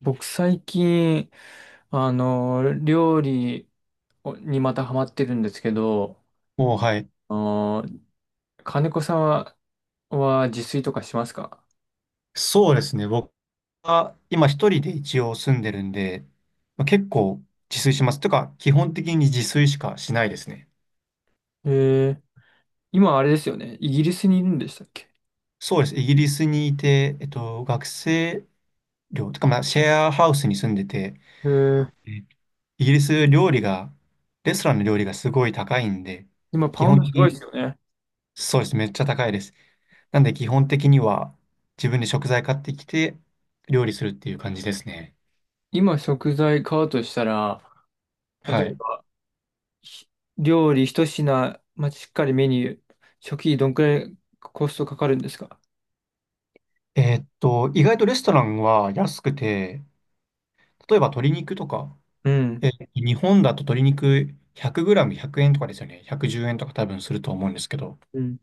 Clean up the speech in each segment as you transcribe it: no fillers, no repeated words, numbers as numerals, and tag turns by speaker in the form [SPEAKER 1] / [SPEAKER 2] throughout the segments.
[SPEAKER 1] 僕最近、料理にまたハマってるんですけど、
[SPEAKER 2] もう、はい。
[SPEAKER 1] あの、金子さんは自炊とかしますか？
[SPEAKER 2] そうですね。僕は今一人で一応住んでるんで、まあ、結構自炊します。というか、基本的に自炊しかしないですね。
[SPEAKER 1] えー、今あれですよね。イギリスにいるんでしたっけ？
[SPEAKER 2] そうです。イギリスにいて、学生寮とか、まあ、シェアハウスに住んでて、
[SPEAKER 1] えー、
[SPEAKER 2] えイギリス料理が、レストランの料理がすごい高いんで、
[SPEAKER 1] 今パ
[SPEAKER 2] 基
[SPEAKER 1] ウン
[SPEAKER 2] 本
[SPEAKER 1] ドす
[SPEAKER 2] 的
[SPEAKER 1] ごいで
[SPEAKER 2] に、
[SPEAKER 1] すよね。
[SPEAKER 2] そうです。めっちゃ高いです。なんで基本的には自分で食材買ってきて料理するっていう感じですね。
[SPEAKER 1] 今食材買うとしたら、例
[SPEAKER 2] は
[SPEAKER 1] え
[SPEAKER 2] い。
[SPEAKER 1] ばひ料理一品、まあ、しっかりメニュー、初期どんくらいコストかかるんですか？
[SPEAKER 2] 意外とレストランは安くて、例えば鶏肉とか、
[SPEAKER 1] うん。
[SPEAKER 2] 日本だと鶏肉 100g 100円とかですよね。110円とか多分すると思うんですけど、
[SPEAKER 1] うん。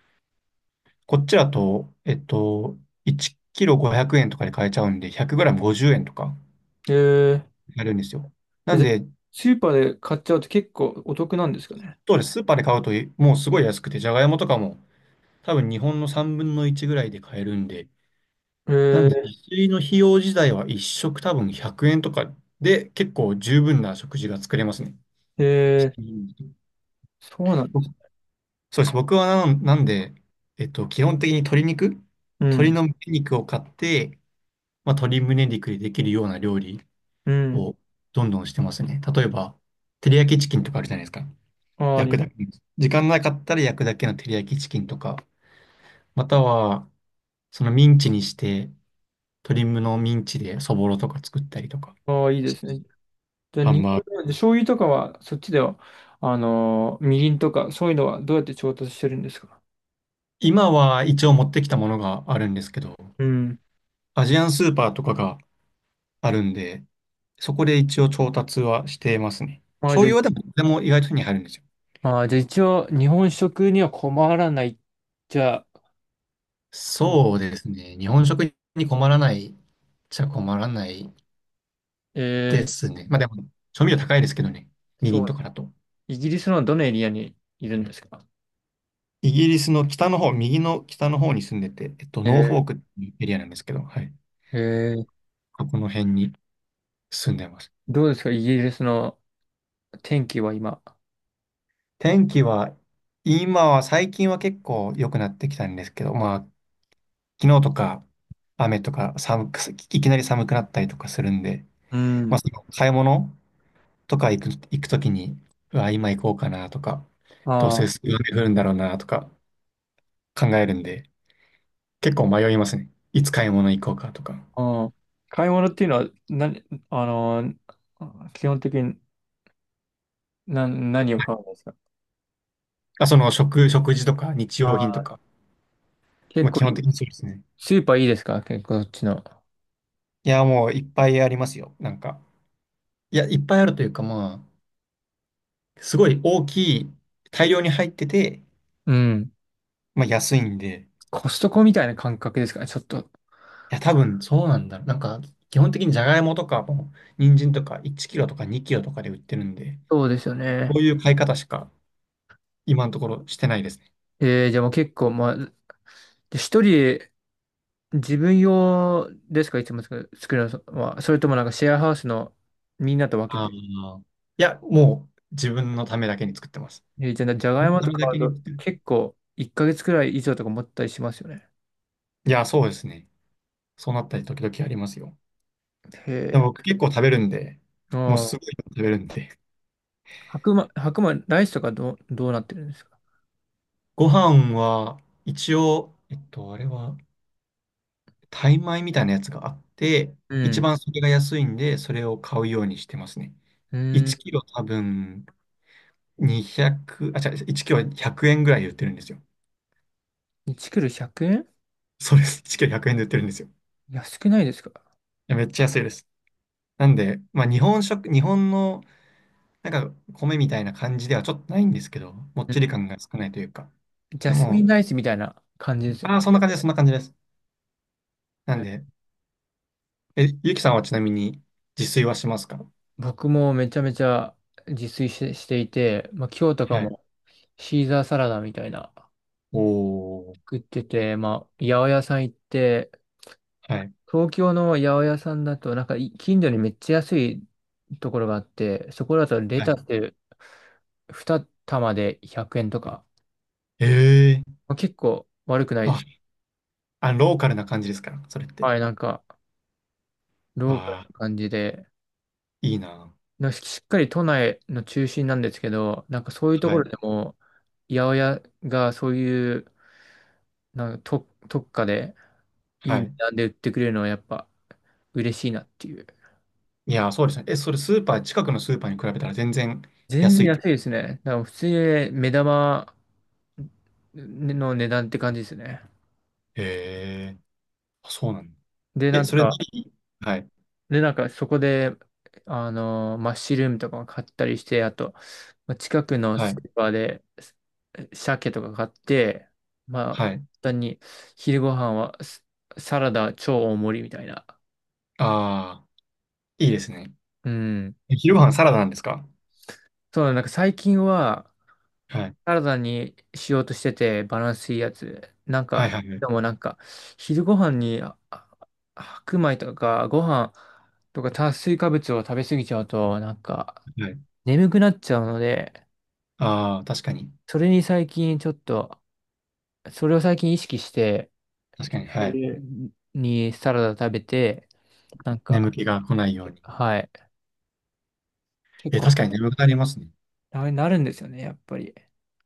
[SPEAKER 2] こっちだと、1キロ500円とかで買えちゃうんで、100g50 円とか
[SPEAKER 1] えー、
[SPEAKER 2] やるんですよ。な
[SPEAKER 1] え
[SPEAKER 2] ん
[SPEAKER 1] じゃあ
[SPEAKER 2] で、
[SPEAKER 1] スーパーで買っちゃうと結構お得なんですかね？
[SPEAKER 2] そうです。スーパーで買うともうすごい安くて、じゃがいもとかも多分日本の3分の1ぐらいで買えるんで、
[SPEAKER 1] え
[SPEAKER 2] なんで
[SPEAKER 1] ー
[SPEAKER 2] 自炊の費用自体は1食多分100円とかで結構十分な食事が作れますね。
[SPEAKER 1] えー、
[SPEAKER 2] うん、
[SPEAKER 1] そうなんで
[SPEAKER 2] 僕、
[SPEAKER 1] す。
[SPEAKER 2] そうです。僕はなんで、基本的に鶏肉、
[SPEAKER 1] う
[SPEAKER 2] 鶏
[SPEAKER 1] ん、
[SPEAKER 2] の胸肉を買って、まあ、鶏胸肉でできるような料理
[SPEAKER 1] うん。
[SPEAKER 2] をどんどんしてますね。例えば、照り焼きチキンとかあるじゃないですか。
[SPEAKER 1] あー、
[SPEAKER 2] 焼くだけ。時間なかったら焼くだけの照り焼きチキンとか、または、そのミンチにして、鶏むのミンチでそぼろとか作ったりとか
[SPEAKER 1] あー、いいですね。
[SPEAKER 2] し。
[SPEAKER 1] じゃあ、
[SPEAKER 2] ハン
[SPEAKER 1] 日
[SPEAKER 2] バー
[SPEAKER 1] 本で
[SPEAKER 2] グ。
[SPEAKER 1] 醤油とかは、そっちでは、みりんとか、そういうのはどうやって調達してるんですか？
[SPEAKER 2] 今は一応持ってきたものがあるんですけど、
[SPEAKER 1] うん。
[SPEAKER 2] アジアンスーパーとかがあるんで、そこで一応調達はしていますね。
[SPEAKER 1] まあ、
[SPEAKER 2] 醤油はでも意外と手に入るんですよ。
[SPEAKER 1] じゃあ一応、日本食には困らない。じゃあ、困
[SPEAKER 2] そうですね。日本食に困らないっちゃ困らない
[SPEAKER 1] え
[SPEAKER 2] で
[SPEAKER 1] ー、
[SPEAKER 2] すね。まあでも、調味料高いですけどね。み
[SPEAKER 1] そ
[SPEAKER 2] りん
[SPEAKER 1] う
[SPEAKER 2] と
[SPEAKER 1] で
[SPEAKER 2] か
[SPEAKER 1] す。
[SPEAKER 2] だと。
[SPEAKER 1] イギリスのどのエリアにいるんですか？
[SPEAKER 2] イギリスの北の方、右の北の方に住んでて、ノーフォー
[SPEAKER 1] え
[SPEAKER 2] クっていうエリアなんですけど、はい。
[SPEAKER 1] ー、えー
[SPEAKER 2] ここの辺に住んでます。
[SPEAKER 1] どうですかイギリスの天気は今？
[SPEAKER 2] 天気は、今は、最近は結構良くなってきたんですけど、まあ、昨日とか雨とか寒く、いきなり寒くなったりとかするんで、
[SPEAKER 1] う
[SPEAKER 2] まあ、
[SPEAKER 1] ん。
[SPEAKER 2] その買い物とか行くときに、うわ、今行こうかなとか、どうせ
[SPEAKER 1] ああ。
[SPEAKER 2] 雨降るんだろうなとか考えるんで、結構迷いますね。いつ買い物行こうかとか。
[SPEAKER 1] うん。買い物っていうのは、なに、あのー基本的に何を買うんですか？
[SPEAKER 2] あ、その食事とか日
[SPEAKER 1] あ
[SPEAKER 2] 用品と
[SPEAKER 1] ー、
[SPEAKER 2] か、
[SPEAKER 1] 結
[SPEAKER 2] まあ、
[SPEAKER 1] 構
[SPEAKER 2] 基本
[SPEAKER 1] いい、
[SPEAKER 2] 的にそうですね。
[SPEAKER 1] スーパーいいですか結構そっちの？
[SPEAKER 2] いや、もういっぱいありますよ。なんか、いや、いっぱいあるというか、まあ、すごい大きい、大量に入ってて、
[SPEAKER 1] うん。
[SPEAKER 2] まあ、安いんで、
[SPEAKER 1] コストコみたいな感覚ですかねちょっと。
[SPEAKER 2] いや、多分そうなんだろう。なんか、基本的にじゃがいもとかも、人参とか1キロとか2キロとかで売ってるんで、
[SPEAKER 1] そうですよ
[SPEAKER 2] こ
[SPEAKER 1] ね。
[SPEAKER 2] ういう買い方しか今のところしてないですね。
[SPEAKER 1] じゃあもう結構、まあ、一人で自分用ですかいつも作るのは？それともなんかシェアハウスのみんなと分け
[SPEAKER 2] ああ、
[SPEAKER 1] て？
[SPEAKER 2] いや、もう自分のためだけに作ってます。
[SPEAKER 1] じゃあ、じゃがい
[SPEAKER 2] 自分の
[SPEAKER 1] も
[SPEAKER 2] た
[SPEAKER 1] と
[SPEAKER 2] め
[SPEAKER 1] か
[SPEAKER 2] だ
[SPEAKER 1] 買
[SPEAKER 2] け
[SPEAKER 1] う
[SPEAKER 2] に
[SPEAKER 1] と
[SPEAKER 2] 作ってる。
[SPEAKER 1] 結構1ヶ月くらい以上とか持ったりしますよね。
[SPEAKER 2] いや、そうですね。そうなったり時々ありますよ。
[SPEAKER 1] へ
[SPEAKER 2] でも僕結構食べるんで、
[SPEAKER 1] え。
[SPEAKER 2] もう
[SPEAKER 1] あ
[SPEAKER 2] すご
[SPEAKER 1] あ。
[SPEAKER 2] い食べるんで。
[SPEAKER 1] 白米、ライスとかどうなってるんですか？
[SPEAKER 2] ご飯は一応、あれは、タイ米みたいなやつがあって、
[SPEAKER 1] う
[SPEAKER 2] 一
[SPEAKER 1] ん。
[SPEAKER 2] 番それが安いんで、それを買うようにしてますね。
[SPEAKER 1] うん。
[SPEAKER 2] 1キロ多分200、あ、違う、1キロ100円ぐらいで売ってるんですよ。
[SPEAKER 1] 1クル100円？
[SPEAKER 2] そうです。1キロ100円で売ってるんですよ。い
[SPEAKER 1] 安くないですか？
[SPEAKER 2] やめっちゃ安いです。なんで、まあ日本食、日本のなんか米みたいな感じではちょっとないんですけど、もっ
[SPEAKER 1] うん。
[SPEAKER 2] ちり感が少ないというか。
[SPEAKER 1] ジャ
[SPEAKER 2] で
[SPEAKER 1] スミン
[SPEAKER 2] も、
[SPEAKER 1] ライスみたいな感じですよ
[SPEAKER 2] ああ、
[SPEAKER 1] ね。
[SPEAKER 2] そんな感じです、そんな感じです。な
[SPEAKER 1] え
[SPEAKER 2] んで、
[SPEAKER 1] ー
[SPEAKER 2] え、ゆきさんはちなみに自炊はしますか？
[SPEAKER 1] 僕もめちゃめちゃ自炊していて、まあ、今日とか
[SPEAKER 2] はい。
[SPEAKER 1] もシーザーサラダみたいな
[SPEAKER 2] おー、
[SPEAKER 1] 食ってて、まあ、八百屋さん行って、
[SPEAKER 2] はい、
[SPEAKER 1] 東京の八百屋さんだと、なんか近所にめっちゃ安いところがあって、そこだとレ
[SPEAKER 2] は
[SPEAKER 1] タ
[SPEAKER 2] い。
[SPEAKER 1] ス2玉で100円とか、
[SPEAKER 2] ええ
[SPEAKER 1] まあ、結構悪くな
[SPEAKER 2] ー、
[SPEAKER 1] い。
[SPEAKER 2] わ、あ、ローカルな感じですから、それって。
[SPEAKER 1] はい、なんか、ローカル
[SPEAKER 2] わあ、
[SPEAKER 1] な感じで、
[SPEAKER 2] いいな。
[SPEAKER 1] なんかしっかり都内の中心なんですけど、なんかそういうとこ
[SPEAKER 2] は
[SPEAKER 1] ろ
[SPEAKER 2] い、
[SPEAKER 1] でも、八百屋がそういう、なんか特価でい
[SPEAKER 2] は
[SPEAKER 1] い値
[SPEAKER 2] い。
[SPEAKER 1] 段で売ってくれるのはやっぱ嬉しいなっていう。
[SPEAKER 2] いやー、そうですね。え、それスーパー、近くのスーパーに比べたら全然
[SPEAKER 1] 全
[SPEAKER 2] 安いっ
[SPEAKER 1] 然
[SPEAKER 2] て。
[SPEAKER 1] 安いですね。だから普通にね目玉の値段って感じですね。
[SPEAKER 2] へー、あ、そうなんだ。
[SPEAKER 1] で、な
[SPEAKER 2] え、
[SPEAKER 1] ん
[SPEAKER 2] それ
[SPEAKER 1] か、
[SPEAKER 2] 何、はい、
[SPEAKER 1] で、なんかそこで、マッシュルームとかも買ったりして、あと、まあ近くの
[SPEAKER 2] は
[SPEAKER 1] ス
[SPEAKER 2] い、
[SPEAKER 1] ーパーで鮭とか買って、まあ、簡
[SPEAKER 2] はい。
[SPEAKER 1] 単に昼ご飯はサラダ超大盛りみたいな。
[SPEAKER 2] ああ、いいですね。
[SPEAKER 1] うん。
[SPEAKER 2] え、昼ご飯サラダなんですか？
[SPEAKER 1] そうだ、なんか最近は
[SPEAKER 2] はい、
[SPEAKER 1] サラダにしようとしてて、バランスいいやつ。なん
[SPEAKER 2] は
[SPEAKER 1] か、
[SPEAKER 2] い、はい、はい。
[SPEAKER 1] でもなんか、昼ご飯に白米とかご飯とか炭水化物を食べ過ぎちゃうと、なんか、
[SPEAKER 2] はい、
[SPEAKER 1] 眠くなっちゃうので、
[SPEAKER 2] ああ、確かに。
[SPEAKER 1] それに最近ちょっと、それを最近意識して、
[SPEAKER 2] 確かに、はい。
[SPEAKER 1] 昼にサラダ食べて、なん
[SPEAKER 2] 眠
[SPEAKER 1] か、
[SPEAKER 2] 気が来ないように。
[SPEAKER 1] はい。結
[SPEAKER 2] え、
[SPEAKER 1] 構、
[SPEAKER 2] 確かに眠くなりますね。
[SPEAKER 1] あれなるんですよね、やっぱり。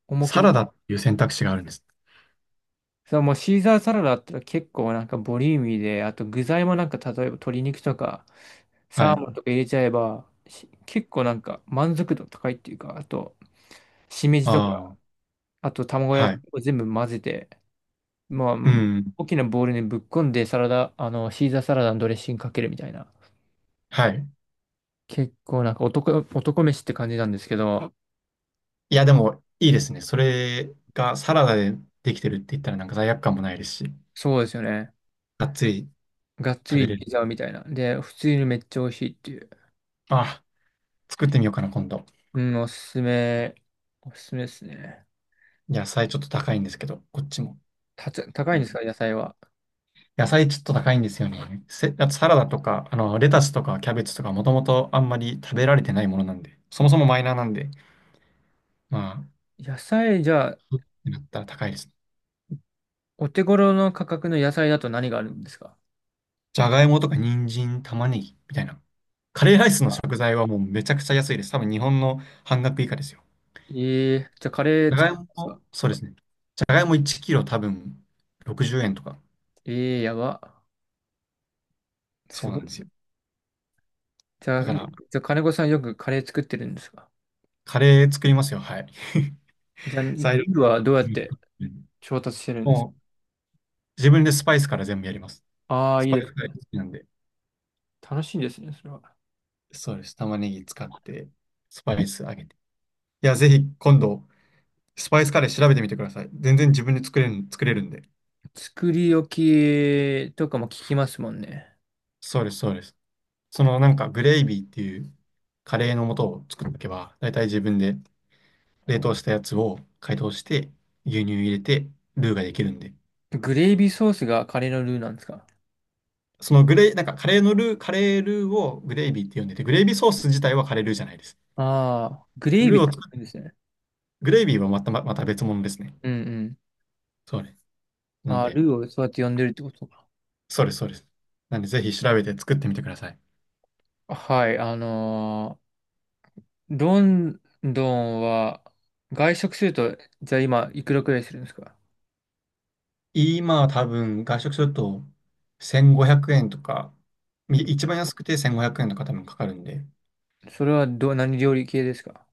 [SPEAKER 1] 重く、
[SPEAKER 2] サラダっていう選択肢があるんです。
[SPEAKER 1] そう、もうシーザーサラダって結構なんかボリューミーで、あと具材もなんか例えば鶏肉とか、
[SPEAKER 2] は
[SPEAKER 1] サー
[SPEAKER 2] い。
[SPEAKER 1] モンとか入れちゃえば、結構なんか満足度高いっていうか、あと、しめじと
[SPEAKER 2] あ
[SPEAKER 1] か、
[SPEAKER 2] あ、
[SPEAKER 1] あと卵
[SPEAKER 2] は
[SPEAKER 1] 焼き
[SPEAKER 2] い。
[SPEAKER 1] を全部混ぜて、まあ、
[SPEAKER 2] うん、
[SPEAKER 1] 大きなボウルにぶっこんでサラダ、シーザーサラダのドレッシングかけるみたいな。
[SPEAKER 2] はい。
[SPEAKER 1] 結構なんか男飯って感じなんですけど、
[SPEAKER 2] いや、でも、いいですね。それがサラダでできてるって言ったらなんか罪悪感もないですし、
[SPEAKER 1] そうですよね。
[SPEAKER 2] がっつり
[SPEAKER 1] がっつ
[SPEAKER 2] 食べ
[SPEAKER 1] り
[SPEAKER 2] れる。
[SPEAKER 1] ピザみたいな。で、普通にめっちゃ美味しいっていう。
[SPEAKER 2] あ、作ってみようかな、今度。
[SPEAKER 1] うん、おすすめですね。
[SPEAKER 2] 野菜ちょっと高いんですけど、こっちも。う
[SPEAKER 1] 高いん
[SPEAKER 2] ん、
[SPEAKER 1] ですか、野菜は？
[SPEAKER 2] 野菜ちょっと高いんですよね。あとサラダとか、あの、レタスとかキャベツとか、もともとあんまり食べられてないものなんで、そもそもマイナーなんで、まあ、
[SPEAKER 1] 野菜、じゃあ、
[SPEAKER 2] ってなったら高いです。
[SPEAKER 1] お手頃の価格の野菜だと何があるんですか？
[SPEAKER 2] じゃがいもとか人参、玉ねぎみたいな。カレーライスの食材はもうめちゃくちゃ安いです。多分日本の半額以下ですよ。
[SPEAKER 1] ええーじゃあカレ
[SPEAKER 2] じ
[SPEAKER 1] ー
[SPEAKER 2] ゃが
[SPEAKER 1] 作
[SPEAKER 2] い
[SPEAKER 1] ってますか？
[SPEAKER 2] も、そうですね。じゃがいも1キロ多分60円とか、
[SPEAKER 1] ええーやば。
[SPEAKER 2] そ
[SPEAKER 1] す
[SPEAKER 2] う
[SPEAKER 1] ご
[SPEAKER 2] なん
[SPEAKER 1] い
[SPEAKER 2] で
[SPEAKER 1] です
[SPEAKER 2] す
[SPEAKER 1] ね。
[SPEAKER 2] よ。
[SPEAKER 1] じゃ
[SPEAKER 2] だ
[SPEAKER 1] あ、
[SPEAKER 2] か
[SPEAKER 1] じ
[SPEAKER 2] ら、
[SPEAKER 1] ゃあ金子さんよくカレー作ってるんですか？
[SPEAKER 2] カレー作りますよ。はい。
[SPEAKER 1] じゃあ、ル
[SPEAKER 2] 材料。
[SPEAKER 1] ーはどうやって
[SPEAKER 2] うん、
[SPEAKER 1] 調達してるんです？
[SPEAKER 2] もう自分でスパイスから全部やります。
[SPEAKER 1] ああ、
[SPEAKER 2] ス
[SPEAKER 1] いい
[SPEAKER 2] パ
[SPEAKER 1] で
[SPEAKER 2] イスが好
[SPEAKER 1] す。
[SPEAKER 2] きなんで。
[SPEAKER 1] 楽しいですね、それは。
[SPEAKER 2] そうです。玉ねぎ使って、スパイスあげて。いや、ぜひ今度、スパイスカレー調べてみてください。全然自分で作れるんで。
[SPEAKER 1] 作り置きとかも聞きますもんね。
[SPEAKER 2] そうです、そうです。そのなんかグレイビーっていうカレーの素を作っとけば、だいたい自分で冷凍したやつを解凍して、牛乳入れて、ルーができるんで。
[SPEAKER 1] グレイビーソースがカレーのルーなんですか？
[SPEAKER 2] そのグレイ、なんかカレールーをグレイビーって呼んでて、グレイビーソース自体はカレールーじゃないです。
[SPEAKER 1] ああー、グレイビ
[SPEAKER 2] ル
[SPEAKER 1] ー
[SPEAKER 2] ー
[SPEAKER 1] って
[SPEAKER 2] を作
[SPEAKER 1] 言うんですね。
[SPEAKER 2] グレイビーはまた、ままた別物ですね。
[SPEAKER 1] うんうん。
[SPEAKER 2] そうです。なん
[SPEAKER 1] ああ、ル
[SPEAKER 2] で、
[SPEAKER 1] ーをそうやって呼んでるってことか。
[SPEAKER 2] そうです、そうです。なんで、ぜひ調べて作ってみてください。
[SPEAKER 1] はい、ロンドンは、外食すると、じゃあ今、いくらくらいするんですか？
[SPEAKER 2] 今は多分、外食すると1500円とか、一番安くて1500円とか多分かかるんで、
[SPEAKER 1] それはどう、何料理系ですか？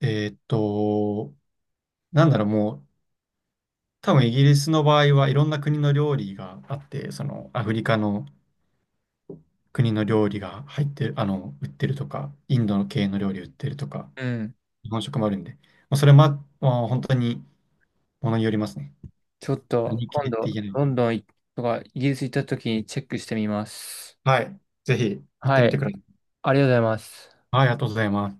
[SPEAKER 2] えーっと、なんだろう、もう、多分イギリスの場合はいろんな国の料理があって、そのアフリカの国の料理が入ってる、売ってるとか、インドの系の料理売ってるとか、
[SPEAKER 1] うん。
[SPEAKER 2] 日本食もあるんで、まあ、それも、まあ、本当にものによりますね。
[SPEAKER 1] ちょっと、
[SPEAKER 2] 何系
[SPEAKER 1] 今
[SPEAKER 2] って
[SPEAKER 1] 度、
[SPEAKER 2] 言えない。
[SPEAKER 1] ロンドンとか、イギリス行った時にチェックしてみます。
[SPEAKER 2] はい。ぜひ行って
[SPEAKER 1] は
[SPEAKER 2] みて
[SPEAKER 1] い。
[SPEAKER 2] ください。
[SPEAKER 1] ありがとうございます。
[SPEAKER 2] はい、ありがとうございます。